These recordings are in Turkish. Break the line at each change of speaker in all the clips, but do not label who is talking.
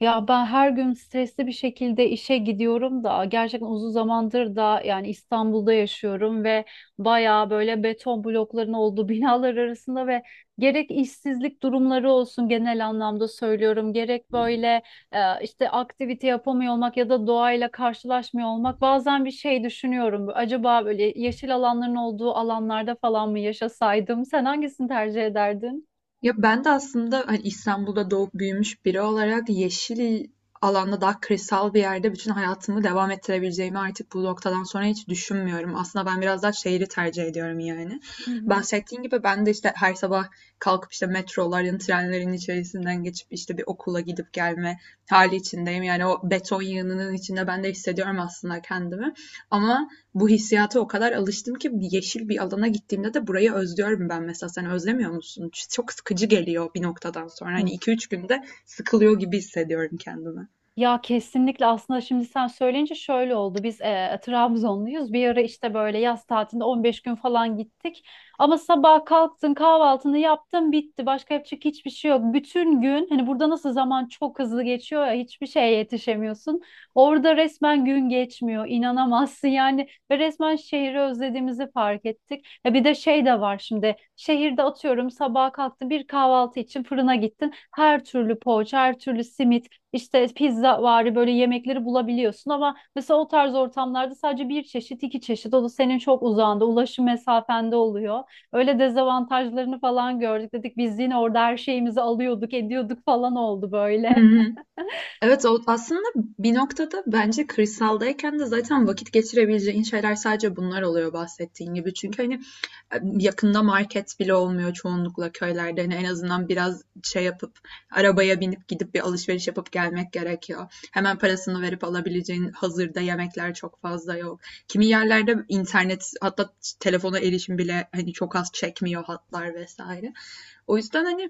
Ya ben her gün stresli bir şekilde işe gidiyorum da gerçekten uzun zamandır da yani İstanbul'da yaşıyorum ve bayağı böyle beton blokların olduğu binalar arasında ve gerek işsizlik durumları olsun genel anlamda söylüyorum gerek böyle işte aktivite yapamıyor olmak ya da doğayla karşılaşmıyor olmak bazen bir şey düşünüyorum. Acaba böyle yeşil alanların olduğu alanlarda falan mı yaşasaydım? Sen hangisini tercih ederdin?
Ya ben de aslında hani İstanbul'da doğup büyümüş biri olarak yeşil alanda daha kırsal bir yerde bütün hayatımı devam ettirebileceğimi artık bu noktadan sonra hiç düşünmüyorum. Aslında ben biraz daha şehri tercih ediyorum yani.
Hı hı.
Bahsettiğin gibi ben de işte her sabah kalkıp işte metroların, trenlerin içerisinden geçip işte bir okula gidip gelme hali içindeyim. Yani o beton yığınının içinde ben de hissediyorum aslında kendimi. Ama bu hissiyata o kadar alıştım ki yeşil bir alana gittiğimde de burayı özlüyorum ben mesela. Sen özlemiyor musun? Çok sıkıcı geliyor bir noktadan sonra. Hani iki üç günde sıkılıyor gibi hissediyorum kendimi.
Ya kesinlikle aslında şimdi sen söyleyince şöyle oldu. Biz Trabzonluyuz. Bir ara işte böyle yaz tatilinde 15 gün falan gittik. Ama sabah kalktın, kahvaltını yaptın, bitti. Başka yapacak hiçbir şey yok. Bütün gün hani burada nasıl zaman çok hızlı geçiyor ya hiçbir şeye yetişemiyorsun. Orada resmen gün geçmiyor. İnanamazsın yani ve resmen şehri özlediğimizi fark ettik. Ya bir de şey de var şimdi. Şehirde atıyorum sabah kalktın bir kahvaltı için fırına gittin. Her türlü poğaça, her türlü simit işte pizza vari böyle yemekleri bulabiliyorsun ama mesela o tarz ortamlarda sadece bir çeşit iki çeşit o da senin çok uzağında ulaşım mesafende oluyor. Öyle dezavantajlarını falan gördük dedik biz yine orada her şeyimizi alıyorduk ediyorduk falan oldu
Hı
böyle.
hı. Evet, o aslında bir noktada bence kırsaldayken de zaten vakit geçirebileceğin şeyler sadece bunlar oluyor bahsettiğin gibi. Çünkü hani e, yakında market bile olmuyor çoğunlukla köylerde. Hani en azından biraz şey yapıp arabaya binip gidip bir alışveriş yapıp gelmek gerekiyor. Hemen parasını verip alabileceğin hazırda yemekler çok fazla yok. Kimi yerlerde internet, hatta telefona erişim bile hani çok az, çekmiyor hatlar vesaire. O yüzden hani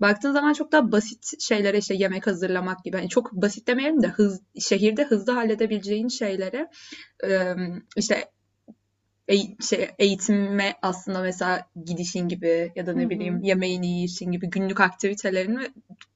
baktığın zaman çok daha basit şeylere, işte yemek hazırlamak gibi. Hani çok basit demeyelim de hız, şehirde hızlı halledebileceğin şeylere, e, işte eğitime aslında mesela gidişin gibi ya da
Hı
ne
hı.
bileyim yemeğini yiyişin gibi günlük aktivitelerini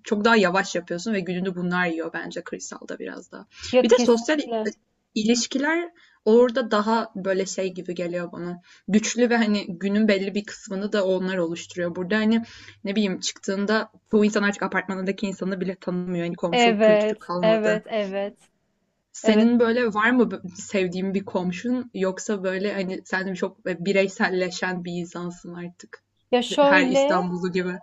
çok daha yavaş yapıyorsun ve gününü bunlar yiyor bence kırsalda biraz daha.
Ya
Bir de sosyal
kesinlikle.
ilişkiler orada daha böyle şey gibi geliyor bana. Güçlü ve hani günün belli bir kısmını da onlar oluşturuyor. Burada hani ne bileyim, çıktığında bu insan artık apartmandaki insanı bile tanımıyor. Hani komşuluk kültürü
Evet, evet,
kalmadı.
evet. Evet.
Senin böyle var mı sevdiğin bir komşun, yoksa böyle, hani, sen çok bireyselleşen bir insansın artık
Ya
her
şöyle
İstanbullu gibi?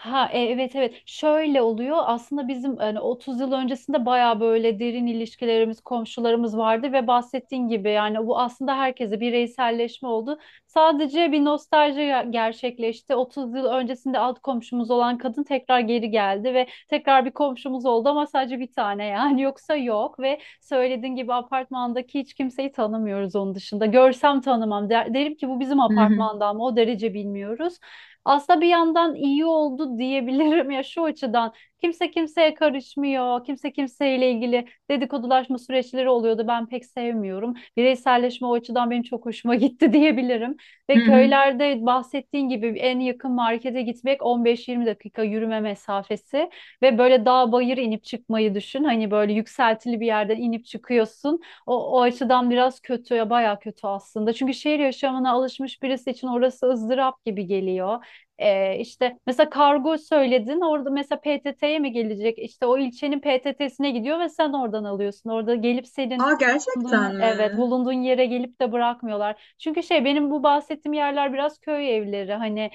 Evet, şöyle oluyor aslında bizim hani 30 yıl öncesinde baya böyle derin ilişkilerimiz komşularımız vardı ve bahsettiğin gibi yani bu aslında herkese bireyselleşme oldu. Sadece bir nostalji gerçekleşti. 30 yıl öncesinde alt komşumuz olan kadın tekrar geri geldi ve tekrar bir komşumuz oldu ama sadece bir tane yani yoksa yok ve söylediğin gibi apartmandaki hiç kimseyi tanımıyoruz onun dışında. Görsem tanımam. Derim ki bu bizim
Hı hı.
apartmandan mı o derece bilmiyoruz. Aslında bir yandan iyi oldu diyebilirim ya şu açıdan. Kimse kimseye karışmıyor. Kimse kimseyle ilgili dedikodulaşma süreçleri oluyordu. Ben pek sevmiyorum. Bireyselleşme o açıdan benim çok hoşuma gitti diyebilirim.
Hı
Ve
hı.
köylerde bahsettiğin gibi en yakın markete gitmek 15-20 dakika yürüme mesafesi ve böyle dağ bayır inip çıkmayı düşün. Hani böyle yükseltili bir yerden inip çıkıyorsun. O açıdan biraz kötü ya bayağı kötü aslında. Çünkü şehir yaşamına alışmış birisi için orası ızdırap gibi geliyor. İşte mesela kargo söyledin orada mesela PTT'ye mi gelecek? İşte o ilçenin PTT'sine gidiyor ve sen oradan alıyorsun. Orada gelip senin
A,
bulunduğun,
gerçekten
evet
mi?
bulunduğun yere gelip de bırakmıyorlar. Çünkü şey benim bu bahsettiğim yerler biraz köy evleri hani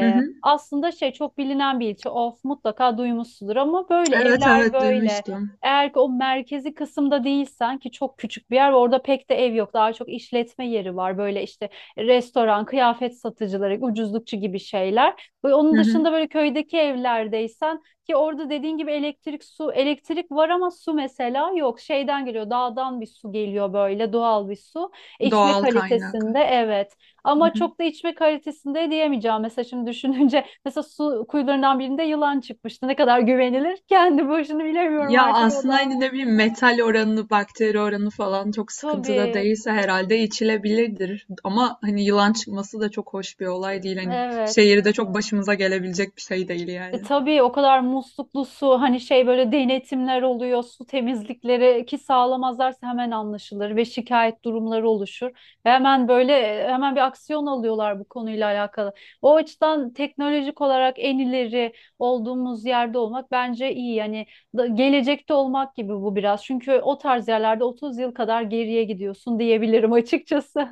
Hı hı.
aslında şey çok bilinen bir ilçe. Of mutlaka duymuşsundur ama böyle
Evet,
evler
evet,
böyle.
duymuştum.
Eğer ki o merkezi kısımda değilsen ki çok küçük bir yer ve orada pek de ev yok. Daha çok işletme yeri var. Böyle işte restoran, kıyafet satıcıları, ucuzlukçu gibi şeyler. Onun
Hı hı.
dışında böyle köydeki evlerdeysen ki orada dediğin gibi elektrik, su, elektrik var ama su mesela yok. Şeyden geliyor, dağdan bir su geliyor böyle doğal bir su. İçme
Doğal kaynak.
kalitesinde evet. Ama çok da içme kalitesinde diyemeyeceğim. Mesela şimdi düşününce mesela su kuyularından birinde yılan çıkmıştı. Ne kadar güvenilir? Kendi başını bilemiyorum
Ya,
artık o
aslında,
da.
hani, ne bileyim, metal oranı, bakteri oranı falan çok sıkıntıda
Tabii,
değilse herhalde içilebilirdir ama, hani, yılan çıkması da çok hoş bir olay değil. Hani,
evet.
şehirde çok başımıza gelebilecek bir şey değil yani.
Tabii o kadar musluklu su hani şey böyle denetimler oluyor su temizlikleri ki sağlamazlarsa hemen anlaşılır ve şikayet durumları oluşur. Ve hemen böyle hemen bir aksiyon alıyorlar bu konuyla alakalı. O açıdan teknolojik olarak en ileri olduğumuz yerde olmak bence iyi. Yani gelecekte olmak gibi bu biraz. Çünkü o tarz yerlerde 30 yıl kadar geriye gidiyorsun diyebilirim açıkçası.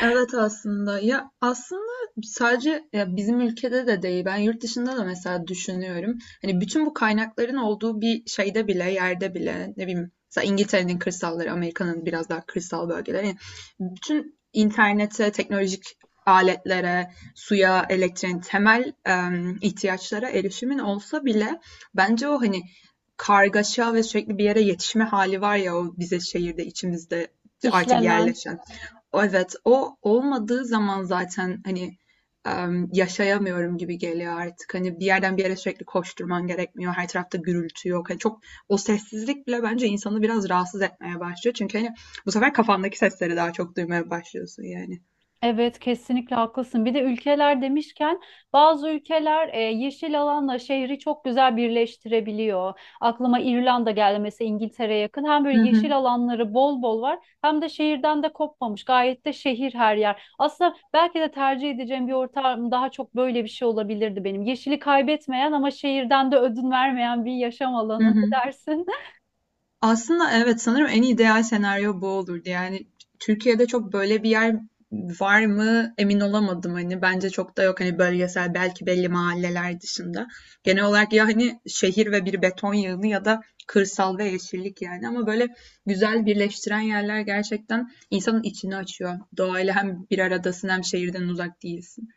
Evet aslında, ya aslında sadece ya bizim ülkede de değil, ben yurt dışında da mesela düşünüyorum, hani bütün bu kaynakların olduğu bir şeyde bile, yerde bile, ne bileyim, mesela İngiltere'nin kırsalları, Amerika'nın biraz daha kırsal bölgeleri. Yani bütün internete, teknolojik aletlere, suya, elektriğin, temel ihtiyaçlara erişimin olsa bile bence o hani kargaşa ve sürekli bir yere yetişme hali var ya, o bize şehirde içimizde artık
İşlenen.
yerleşen, evet, o olmadığı zaman zaten, hani, yaşayamıyorum gibi geliyor artık. Hani, bir yerden bir yere sürekli koşturman gerekmiyor. Her tarafta gürültü yok. Hani, çok o sessizlik bile bence insanı biraz rahatsız etmeye başlıyor. Çünkü, hani, bu sefer kafandaki sesleri daha çok duymaya başlıyorsun yani.
Evet kesinlikle haklısın. Bir de ülkeler demişken bazı ülkeler yeşil alanla şehri çok güzel birleştirebiliyor. Aklıma İrlanda geldi mesela İngiltere'ye yakın. Hem
Hı
böyle
hı.
yeşil alanları bol bol var hem de şehirden de kopmamış. Gayet de şehir her yer. Aslında belki de tercih edeceğim bir ortam daha çok böyle bir şey olabilirdi benim. Yeşili kaybetmeyen ama şehirden de ödün vermeyen bir yaşam
Hı
alanı. Ne
hı.
dersin?
Aslında evet, sanırım en ideal senaryo bu olurdu. Yani Türkiye'de çok böyle bir yer var mı, emin olamadım. Hani bence çok da yok, hani bölgesel belki, belli mahalleler dışında. Genel olarak ya hani şehir ve bir beton yığını, ya da kırsal ve yeşillik yani. Ama böyle güzel birleştiren yerler gerçekten insanın içini açıyor. Doğayla hem bir aradasın hem şehirden uzak değilsin.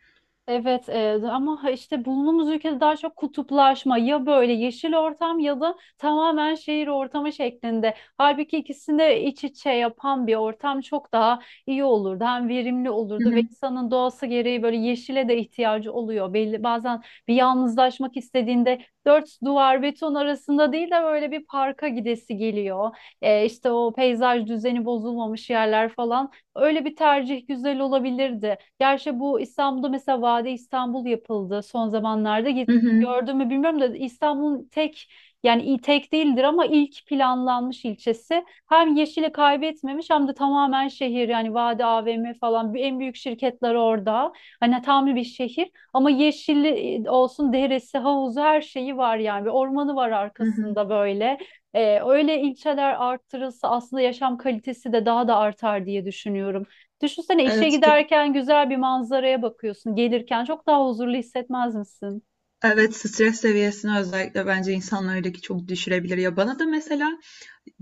Evet ama işte bulunduğumuz ülkede daha çok kutuplaşma ya böyle yeşil ortam ya da tamamen şehir ortamı şeklinde. Halbuki ikisini de iç içe yapan bir ortam çok daha iyi olurdu. Hem verimli
Hı
olurdu
hı.
ve insanın doğası gereği böyle yeşile de ihtiyacı oluyor. Belli, bazen bir yalnızlaşmak istediğinde dört duvar beton arasında değil de böyle bir parka gidesi geliyor. İşte o peyzaj düzeni bozulmamış yerler falan öyle bir tercih güzel olabilirdi. Gerçi bu İstanbul'da mesela Vade İstanbul yapıldı son zamanlarda.
Hı hı.
Gördün mü bilmiyorum da İstanbul'un tek yani tek değildir ama ilk planlanmış ilçesi. Hem yeşili kaybetmemiş hem de tamamen şehir yani Vade AVM falan en büyük şirketler orada. Hani tam bir şehir ama yeşilli olsun deresi, havuzu her şeyi var yani. Bir ormanı var
Hı hı.
arkasında böyle. Öyle ilçeler arttırılsa aslında yaşam kalitesi de daha da artar diye düşünüyorum. Düşünsene işe
Evet ki.
giderken güzel bir manzaraya bakıyorsun. Gelirken çok daha huzurlu hissetmez misin?
Evet, stres seviyesini özellikle bence insanlardaki çok düşürebilir ya. Bana da mesela,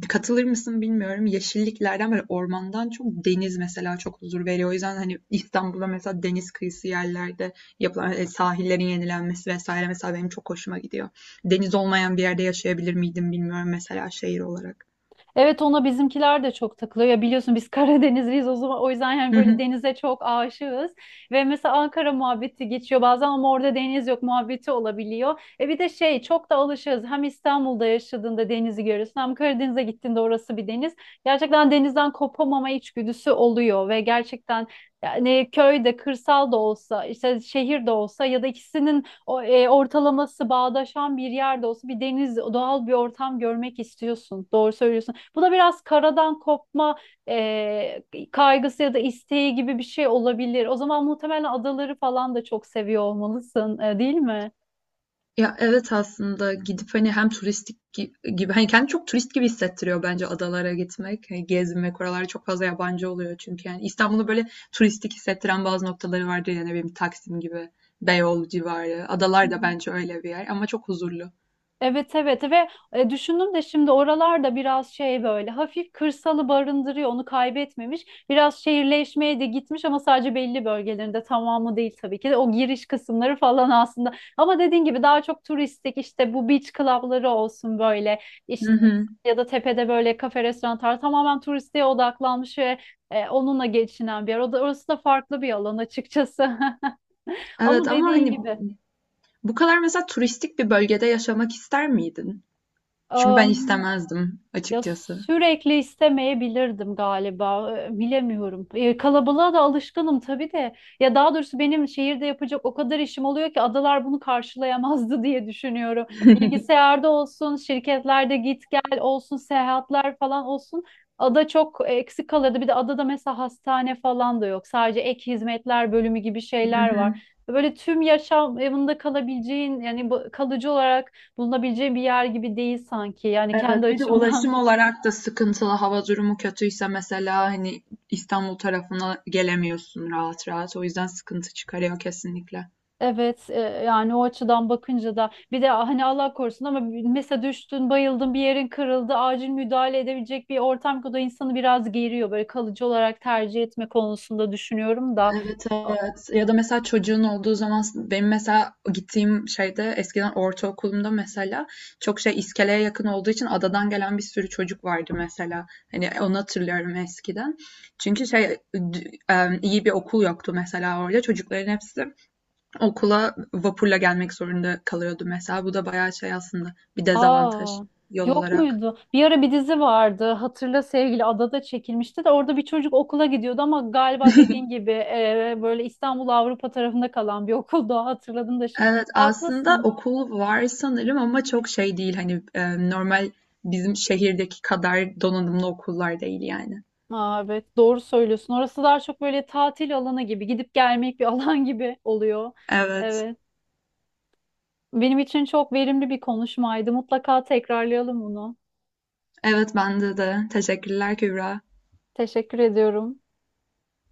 katılır mısın bilmiyorum, yeşilliklerden, böyle, ormandan çok deniz mesela çok huzur veriyor. O yüzden, hani, İstanbul'da mesela deniz kıyısı yerlerde yapılan, sahillerin yenilenmesi vesaire mesela benim çok hoşuma gidiyor. Deniz olmayan bir yerde yaşayabilir miydim bilmiyorum mesela, şehir olarak.
Evet ona bizimkiler de çok takılıyor. Ya biliyorsun biz Karadenizliyiz o zaman o yüzden yani
Hı
böyle
hı.
denize çok aşığız. Ve mesela Ankara muhabbeti geçiyor bazen ama orada deniz yok muhabbeti olabiliyor. E bir de şey çok da alışığız. Hem İstanbul'da yaşadığında denizi görüyorsun hem Karadeniz'e gittiğinde orası bir deniz. Gerçekten denizden kopamama içgüdüsü oluyor ve gerçekten yani köyde, kırsal da olsa, işte şehir de olsa ya da ikisinin ortalaması bağdaşan bir yerde olsa bir deniz, doğal bir ortam görmek istiyorsun. Doğru söylüyorsun. Bu da biraz karadan kopma kaygısı ya da isteği gibi bir şey olabilir. O zaman muhtemelen adaları falan da çok seviyor olmalısın, değil mi?
Ya, evet, aslında gidip, hani, hem turistik gibi, hani, kendini çok turist gibi hissettiriyor bence adalara gitmek, hani, gezmek. Oralarda çok fazla yabancı oluyor çünkü, yani. İstanbul'u böyle turistik hissettiren bazı noktaları vardır ya, ne bileyim, Taksim gibi, Beyoğlu civarı.
Hı
Adalar da
hı.
bence öyle bir yer ama çok huzurlu.
Evet evet ve düşündüm de şimdi oralarda biraz şey böyle hafif kırsalı barındırıyor onu kaybetmemiş. Biraz şehirleşmeye de gitmiş ama sadece belli bölgelerinde tamamı değil tabii ki de o giriş kısımları falan aslında. Ama dediğin gibi daha çok turistik işte bu beach club'ları olsun böyle
Hı
işte
hı.
ya da tepede böyle kafe restoranlar tamamen turistliğe odaklanmış ve onunla geçinen bir yer. Orası da farklı bir alan açıkçası.
Evet
Ama
ama,
dediğin
hani,
gibi.
bu kadar mesela turistik bir bölgede yaşamak ister miydin? Çünkü ben istemezdim
Ya
açıkçası.
sürekli istemeyebilirdim galiba. Bilemiyorum. Kalabalığa da alışkınım tabii de. Ya daha doğrusu benim şehirde yapacak o kadar işim oluyor ki adalar bunu karşılayamazdı diye düşünüyorum. Bilgisayarda olsun, şirketlerde git gel olsun, seyahatler falan olsun. Ada çok eksik kalırdı. Bir de adada mesela hastane falan da yok. Sadece ek hizmetler bölümü gibi şeyler var. Böyle tüm yaşamında kalabileceğin yani kalıcı olarak bulunabileceğin bir yer gibi değil sanki. Yani kendi
Evet, bir de ulaşım
açımdan.
olarak da sıkıntılı. Hava durumu kötüyse mesela hani İstanbul tarafına gelemiyorsun rahat rahat. O yüzden sıkıntı çıkarıyor kesinlikle.
Evet yani o açıdan bakınca da bir de "Ah, hani Allah korusun ama mesela düştün bayıldın bir yerin kırıldı acil müdahale edebilecek bir ortam ki o da insanı biraz geriyor böyle kalıcı olarak tercih etme konusunda düşünüyorum da.
Evet, evet. Ya da mesela çocuğun olduğu zaman, benim mesela gittiğim şeyde, eskiden ortaokulumda mesela, çok şey, iskeleye yakın olduğu için adadan gelen bir sürü çocuk vardı mesela. Hani onu hatırlıyorum eskiden. Çünkü şey, iyi bir okul yoktu mesela orada. Çocukların hepsi okula vapurla gelmek zorunda kalıyordu mesela. Bu da bayağı şey aslında, bir dezavantaj
aa
yol
yok
olarak.
muydu bir ara bir dizi vardı hatırla sevgili adada çekilmişti de orada bir çocuk okula gidiyordu ama galiba dediğin gibi böyle İstanbul Avrupa tarafında kalan bir okuldu. Hatırladım da şimdi
Evet aslında
haklısın.
okul var sanırım ama çok şey değil hani, normal bizim şehirdeki kadar donanımlı okullar değil yani.
Aa, evet doğru söylüyorsun. Orası daha çok böyle tatil alanı gibi, gidip gelmek bir alan gibi oluyor.
Evet.
Evet. Benim için çok verimli bir konuşmaydı. Mutlaka tekrarlayalım bunu.
Evet bende de. Teşekkürler Kübra.
Teşekkür ediyorum.